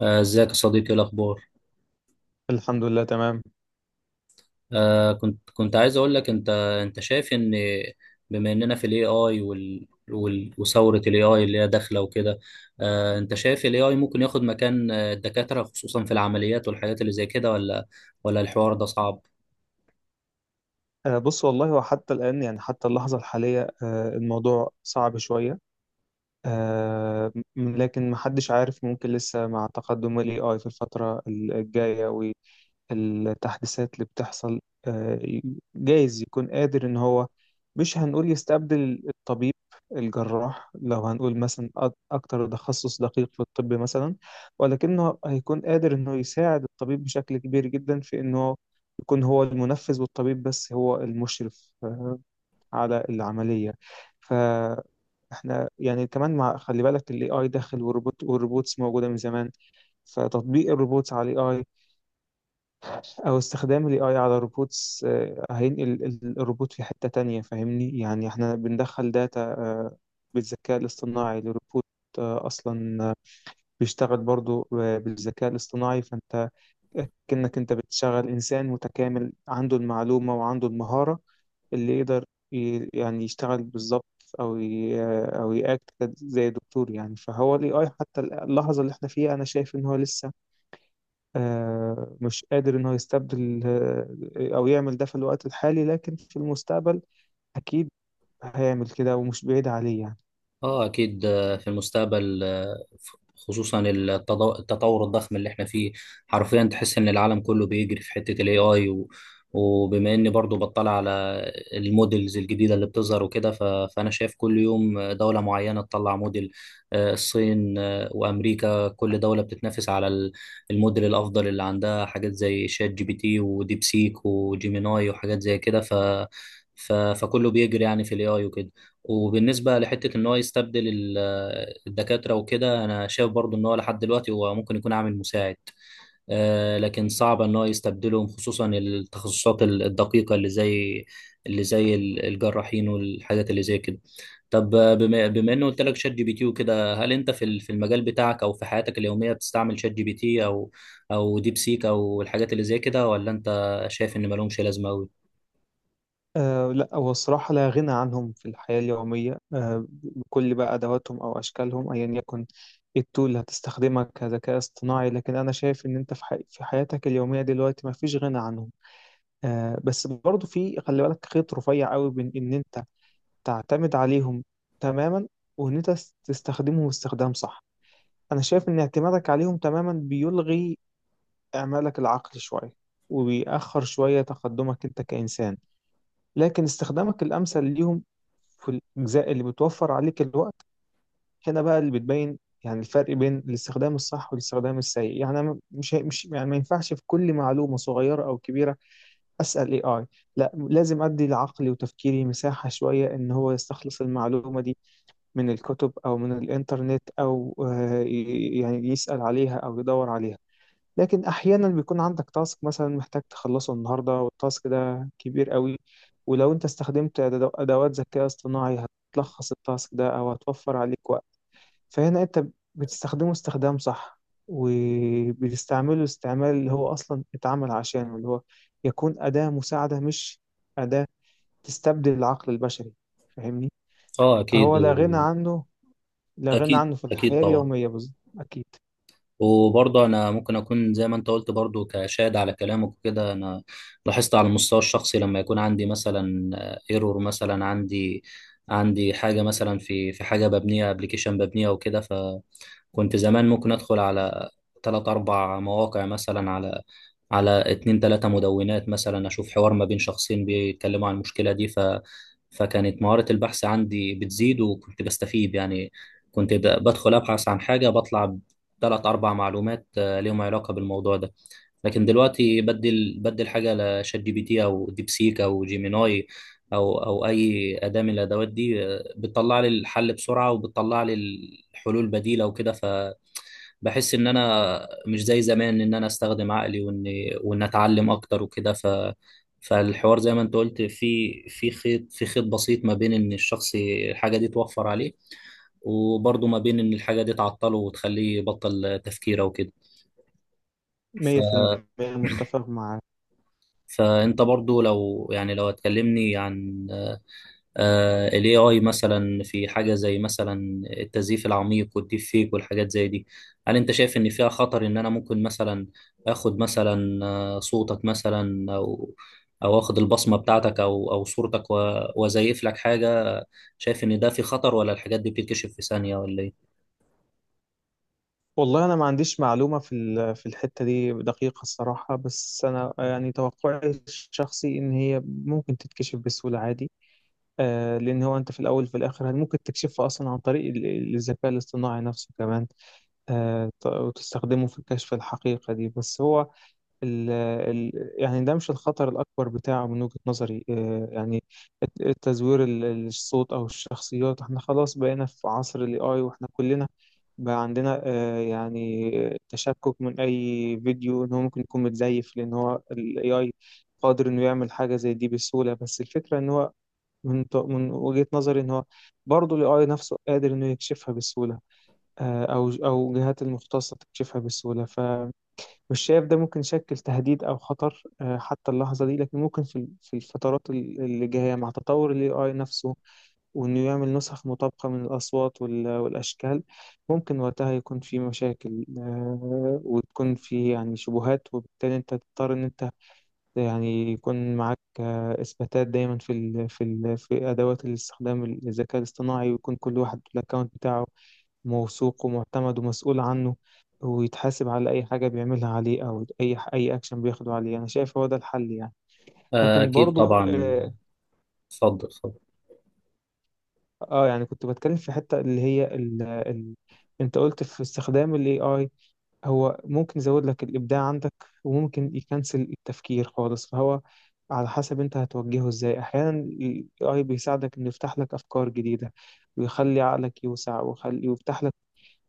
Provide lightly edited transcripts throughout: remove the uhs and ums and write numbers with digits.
آه، ازيك يا صديقي، إيه الاخبار؟ الحمد لله تمام. كنت عايز اقول لك، انت شايف ان، بما اننا في الاي اي وثوره الاي اي اللي هي داخله وكده، انت شايف الاي اي ممكن ياخد مكان الدكاتره، خصوصا في العمليات والحاجات اللي زي كده؟ ولا الحوار ده صعب؟ بص والله هو حتى الآن حتى اللحظة الحالية، الموضوع صعب شوية. لكن محدش عارف، ممكن لسه مع تقدم ال AI في الفترة الجاية، التحديثات اللي بتحصل، آه، جايز يكون قادر ان هو مش هنقول يستبدل الطبيب الجراح، لو هنقول مثلا اكتر تخصص دقيق في الطب مثلا، ولكنه هيكون قادر انه يساعد الطبيب بشكل كبير جدا في انه يكون هو المنفذ والطبيب بس هو المشرف على العملية. فاحنا يعني كمان، مع خلي بالك الاي اي داخل، والروبوت والروبوتس موجودة من زمان، فتطبيق الروبوتس على الاي او استخدام ال AI على روبوتس هينقل الروبوت في حتة تانية. فاهمني يعني احنا بندخل داتا، بالذكاء الاصطناعي لروبوت اصلا بيشتغل برضو بالذكاء الاصطناعي، فانت كأنك انت بتشغل انسان متكامل عنده المعلومة وعنده المهارة اللي يقدر يعني يشتغل بالظبط، او ي- آه، او ياكت زي دكتور يعني. فهو ال AI حتى اللحظة اللي احنا فيها، انا شايف ان هو لسه مش قادر إن هو يستبدل أو يعمل ده في الوقت الحالي، لكن في المستقبل أكيد هيعمل كده، ومش بعيد عليه يعني. اه اكيد، في المستقبل، خصوصا التطور الضخم اللي احنا فيه. حرفيا تحس ان العالم كله بيجري في حتة الاي اي، وبما اني برضو بطلع على المودلز الجديدة اللي بتظهر وكده، فانا شايف كل يوم دولة معينة تطلع موديل. الصين وامريكا، كل دولة بتتنافس على الموديل الافضل اللي عندها حاجات زي شات جي بي تي وديب سيك وجيميناي وحاجات زي كده، فكله بيجري يعني في الاي اي وكده. وبالنسبة لحتة إن هو يستبدل الدكاترة وكده، أنا شايف برضو إن هو لحد دلوقتي هو ممكن يكون عامل مساعد، لكن صعب إن هو يستبدلهم، خصوصا التخصصات الدقيقة اللي زي الجراحين والحاجات اللي زي كده. طب، بما إنه قلت لك شات جي بي تي وكده، هل أنت في في المجال بتاعك أو في حياتك اليومية بتستعمل شات جي بي تي أو ديب سيك أو الحاجات اللي زي كده، ولا أنت شايف إن مالهمش لازمة أوي؟ آه، لا هو الصراحة لا غنى عنهم في الحياة اليومية، آه، بكل بقى أدواتهم أو أشكالهم أيا يكن إيه التول اللي هتستخدمها كذكاء اصطناعي، لكن أنا شايف إن أنت في, حي في حياتك اليومية دلوقتي ما فيش غنى عنهم. آه، بس برضه في خلي بالك خيط رفيع قوي بين إن أنت تعتمد عليهم تماما، وإن أنت تستخدمهم استخدام صح. أنا شايف إن اعتمادك عليهم تماما بيلغي إعمالك العقلي شوية، وبيأخر شوية تقدمك أنت كإنسان، لكن استخدامك الأمثل ليهم في الأجزاء اللي بتوفر عليك الوقت، هنا بقى اللي بتبين يعني الفرق بين الاستخدام الصح والاستخدام السيء. يعني أنا مش يعني ما ينفعش في كل معلومة صغيرة أو كبيرة أسأل اي اي، لا لازم أدي لعقلي وتفكيري مساحة شوية إن هو يستخلص المعلومة دي من الكتب أو من الإنترنت أو يعني يسأل عليها أو يدور عليها. لكن احيانا بيكون عندك تاسك مثلا محتاج تخلصه النهارده، والتاسك ده كبير قوي، ولو انت استخدمت ادوات ذكاء اصطناعي هتلخص التاسك ده او هتوفر عليك وقت، فهنا انت بتستخدمه استخدام صح، وبتستعمله استعمال اللي هو اصلا اتعمل عشانه، اللي هو يكون اداة مساعدة، مش اداة تستبدل العقل البشري. فاهمني؟ أه أكيد. فهو لا غنى عنه، لا غنى أكيد عنه في أكيد الحياة طبعا. اليومية بالظبط. اكيد. وبرضه انا ممكن اكون زي ما انت قلت، برضه كشاهد على كلامك وكده. انا لاحظت على المستوى الشخصي لما يكون عندي مثلا ايرور، مثلا عندي حاجه مثلا، في حاجه ببنيها، ابلكيشن ببنيها وكده. كنت زمان ممكن ادخل على ثلاث اربع مواقع مثلا، على اتنين تلاتة مدونات مثلا، اشوف حوار ما بين شخصين بيتكلموا عن المشكلة دي، فكانت مهارة البحث عندي بتزيد، وكنت بستفيد يعني. كنت بدخل ابحث عن حاجة، بطلع بثلاث اربع معلومات ليهم علاقة بالموضوع ده. لكن دلوقتي بدل حاجة لشات جي بي تي او ديب سيك او جيميناي، او اي أداة من الادوات دي، بتطلع لي الحل بسرعة، وبتطلع لي الحلول بديلة وكده. فبحس ان انا مش زي زمان، ان انا استخدم عقلي، وان اتعلم اكتر وكده. فالحوار زي ما انت قلت، في خيط، في خيط بسيط ما بين ان الشخص الحاجة دي توفر عليه، وبرضه ما بين ان الحاجة دي تعطله وتخليه يبطل تفكيره وكده. ف 100% متفق مع. فانت برضه، لو هتكلمني عن ال AI مثلا في حاجة زي مثلا التزييف العميق والديب فيك والحاجات زي دي، هل انت شايف ان فيها خطر، ان انا ممكن مثلا اخد مثلا صوتك مثلا، او اخد البصمة بتاعتك او صورتك، وازيف لك حاجة؟ شايف ان ده في خطر، ولا الحاجات دي بتتكشف في ثانية ولا ايه؟ والله انا ما عنديش معلومه في في الحته دي دقيقه الصراحه، بس انا يعني توقعي الشخصي ان هي ممكن تتكشف بسهوله عادي. آه، لان هو انت في الاول وفي الاخر ممكن تكشفها اصلا عن طريق الذكاء الاصطناعي نفسه كمان، وتستخدمه في كشف الحقيقه دي. بس هو ال ال يعني ده مش الخطر الأكبر بتاعه من وجهة نظري. آه، يعني التزوير الصوت أو الشخصيات، احنا خلاص بقينا في عصر ال AI، واحنا كلنا بقى عندنا يعني تشكك من أي فيديو إن هو ممكن يكون متزيف، لأن هو ال AI قادر إنه يعمل حاجة زي دي بسهولة. بس الفكرة إن هو من وجهة نظري إن هو برضه ال AI نفسه قادر إنه يكشفها بسهولة، أو جهات المختصة تكشفها بسهولة. مش شايف ده ممكن يشكل تهديد أو خطر حتى اللحظة دي، لكن ممكن في في الفترات اللي جاية مع تطور ال AI نفسه، وإنه يعمل نسخ مطابقة من الأصوات والأشكال، ممكن وقتها يكون في مشاكل، وتكون في يعني شبهات، وبالتالي أنت تضطر إن أنت يعني يكون معاك إثباتات دايما في أدوات الاستخدام الذكاء الاصطناعي، ويكون كل واحد له الأكونت بتاعه موثوق ومعتمد ومسؤول عنه، ويتحاسب على أي حاجة بيعملها عليه، أو أي أكشن بياخده عليه. أنا شايف هو ده الحل يعني. لكن اكيد برضو طبعا. اتفضل اتفضل. آه يعني كنت بتكلم في حتة اللي هي ال ال أنت قلت في استخدام ال AI، هو ممكن يزود لك الإبداع عندك، وممكن يكنسل التفكير خالص. فهو على حسب أنت هتوجهه إزاي. أحيانا ال AI بيساعدك إنه يفتح لك أفكار جديدة، ويخلي عقلك يوسع، ويفتح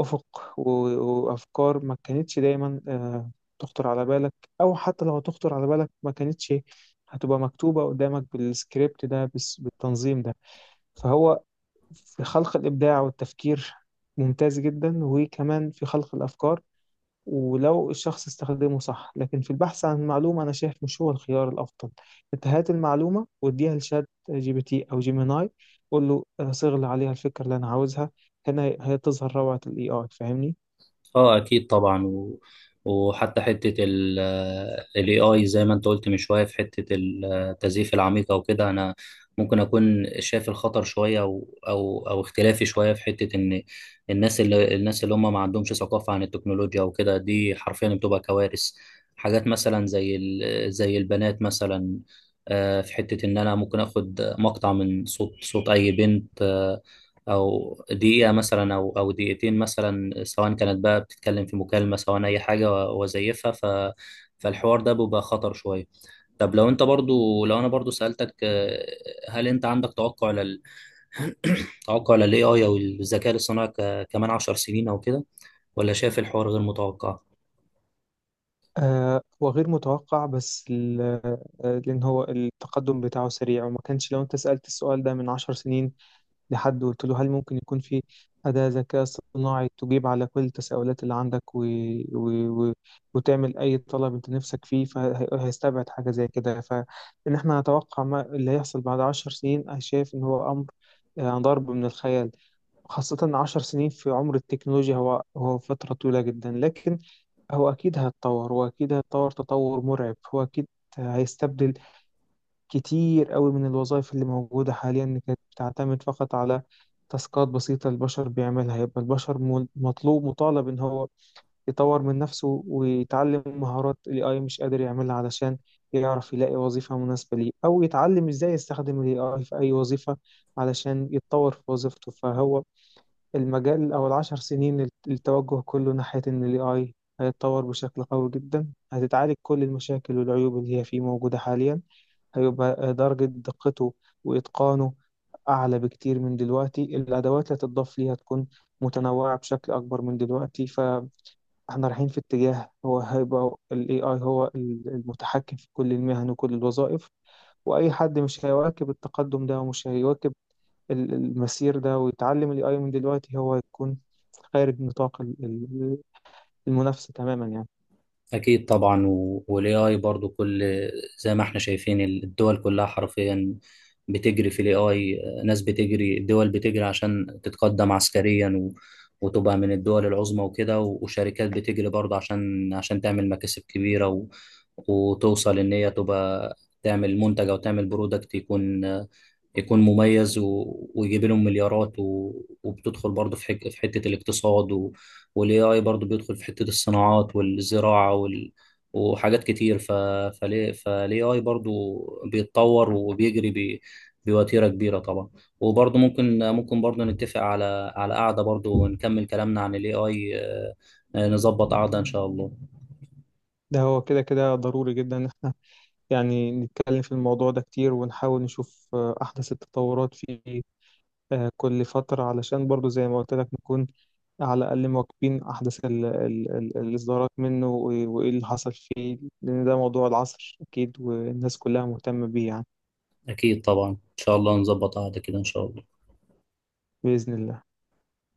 أفق وأفكار ما كانتش دايما تخطر على بالك، أو حتى لو تخطر على بالك ما كانتش هتبقى مكتوبة قدامك بالسكريبت ده، بالتنظيم ده. فهو في خلق الإبداع والتفكير ممتاز جدا، وكمان في خلق الأفكار، ولو الشخص استخدمه صح. لكن في البحث عن معلومة أنا شايف مش هو الخيار الأفضل. أنت هات المعلومة واديها لشات جي بي تي أو جيميناي، قول له صغل عليها الفكرة اللي أنا عاوزها، هنا هي تظهر روعة ال AI. فاهمني؟ اه اكيد طبعا. وحتى حته ال AI زي ما انت قلت من شويه، في حته التزييف العميقه وكده، انا ممكن اكون شايف الخطر شويه، او اختلافي شويه في حته ان الناس اللي هم ما عندهمش ثقافه عن التكنولوجيا وكده، دي حرفيا بتبقى كوارث. حاجات مثلا زي البنات مثلا، في حته ان انا ممكن اخد مقطع من صوت اي بنت، او دقيقه مثلا او دقيقتين مثلا، سواء كانت بقى بتتكلم في مكالمه، سواء اي حاجه، وزيفها. فالحوار ده بيبقى خطر شويه. طب، لو انا برضو سالتك، هل انت عندك توقع لل توقع للاي اي او الذكاء الاصطناعي، كمان 10 سنين او كده، ولا شايف الحوار غير متوقع؟ آه، هو غير متوقع، بس لأن هو التقدم بتاعه سريع، وما كانش لو أنت سألت السؤال ده من 10 سنين لحد وقلت له هل ممكن يكون في أداة ذكاء اصطناعي تجيب على كل التساؤلات اللي عندك و... و... وتعمل أي طلب أنت نفسك فيه، فهيستبعد حاجة زي كده. فإن إحنا نتوقع ما اللي هيحصل بعد 10 سنين، أنا شايف إن هو أمر ضرب من الخيال، خاصة 10 سنين في عمر التكنولوجيا هو فترة طويلة جدا. لكن هو أكيد هيتطور، وأكيد هيتطور تطور مرعب. هو أكيد هيستبدل كتير قوي من الوظائف اللي موجودة حاليا كانت بتعتمد فقط على تاسكات بسيطة البشر بيعملها. يبقى البشر مطلوب مطالب إن هو يطور من نفسه ويتعلم مهارات ال AI مش قادر يعملها، علشان يعرف يلاقي وظيفة مناسبة ليه، أو يتعلم إزاي يستخدم ال AI في أي وظيفة علشان يتطور في وظيفته. فهو المجال أو ال10 سنين التوجه كله ناحية إن ال AI هيتطور بشكل قوي جدا، هتتعالج كل المشاكل والعيوب اللي هي فيه موجودة حاليا، هيبقى درجة دقته وإتقانه أعلى بكتير من دلوقتي، الأدوات اللي هتضاف ليه هتكون متنوعة بشكل أكبر من دلوقتي. فإحنا رايحين في اتجاه هو هيبقى ال AI هو المتحكم في كل المهن وكل الوظائف، وأي حد مش هيواكب التقدم ده، ومش هيواكب المسير ده، ويتعلم ال AI من دلوقتي، هو هيكون خارج نطاق المنافسة تماما يعني. أكيد طبعا. وال AI برضو، كل زي ما احنا شايفين الدول كلها حرفيا بتجري في ال AI. ناس بتجري، الدول بتجري عشان تتقدم عسكريا، وتبقى من الدول العظمى وكده، وشركات بتجري برضه عشان تعمل مكاسب كبيرة، وتوصل إن هي تبقى تعمل منتج أو تعمل برودكت، يكون مميز، ويجيب لهم مليارات، وبتدخل برضه في حتة الاقتصاد، والاي اي برضه بيدخل في حتة الصناعات والزراعة وحاجات كتير. ف... فليه فالاي اي برضه بيتطور وبيجري بوتيرة كبيرة طبعا. وبرضه، ممكن برضه نتفق على قعدة برضه، ونكمل كلامنا عن الاي اي، نظبط قعدة ان شاء الله. ده هو كده ضروري جدا، يعني نتكلم في الموضوع ده كتير، ونحاول نشوف أحدث التطورات في كل فترة، علشان برضو زي ما قلت لك نكون على الأقل مواكبين أحدث الإصدارات منه، وإيه اللي حصل فيه، لأن ده موضوع العصر أكيد، والناس كلها مهتمة بيه يعني. اكيد طبعا، ان شاء الله نظبط قعدة كده ان شاء الله. بإذن الله.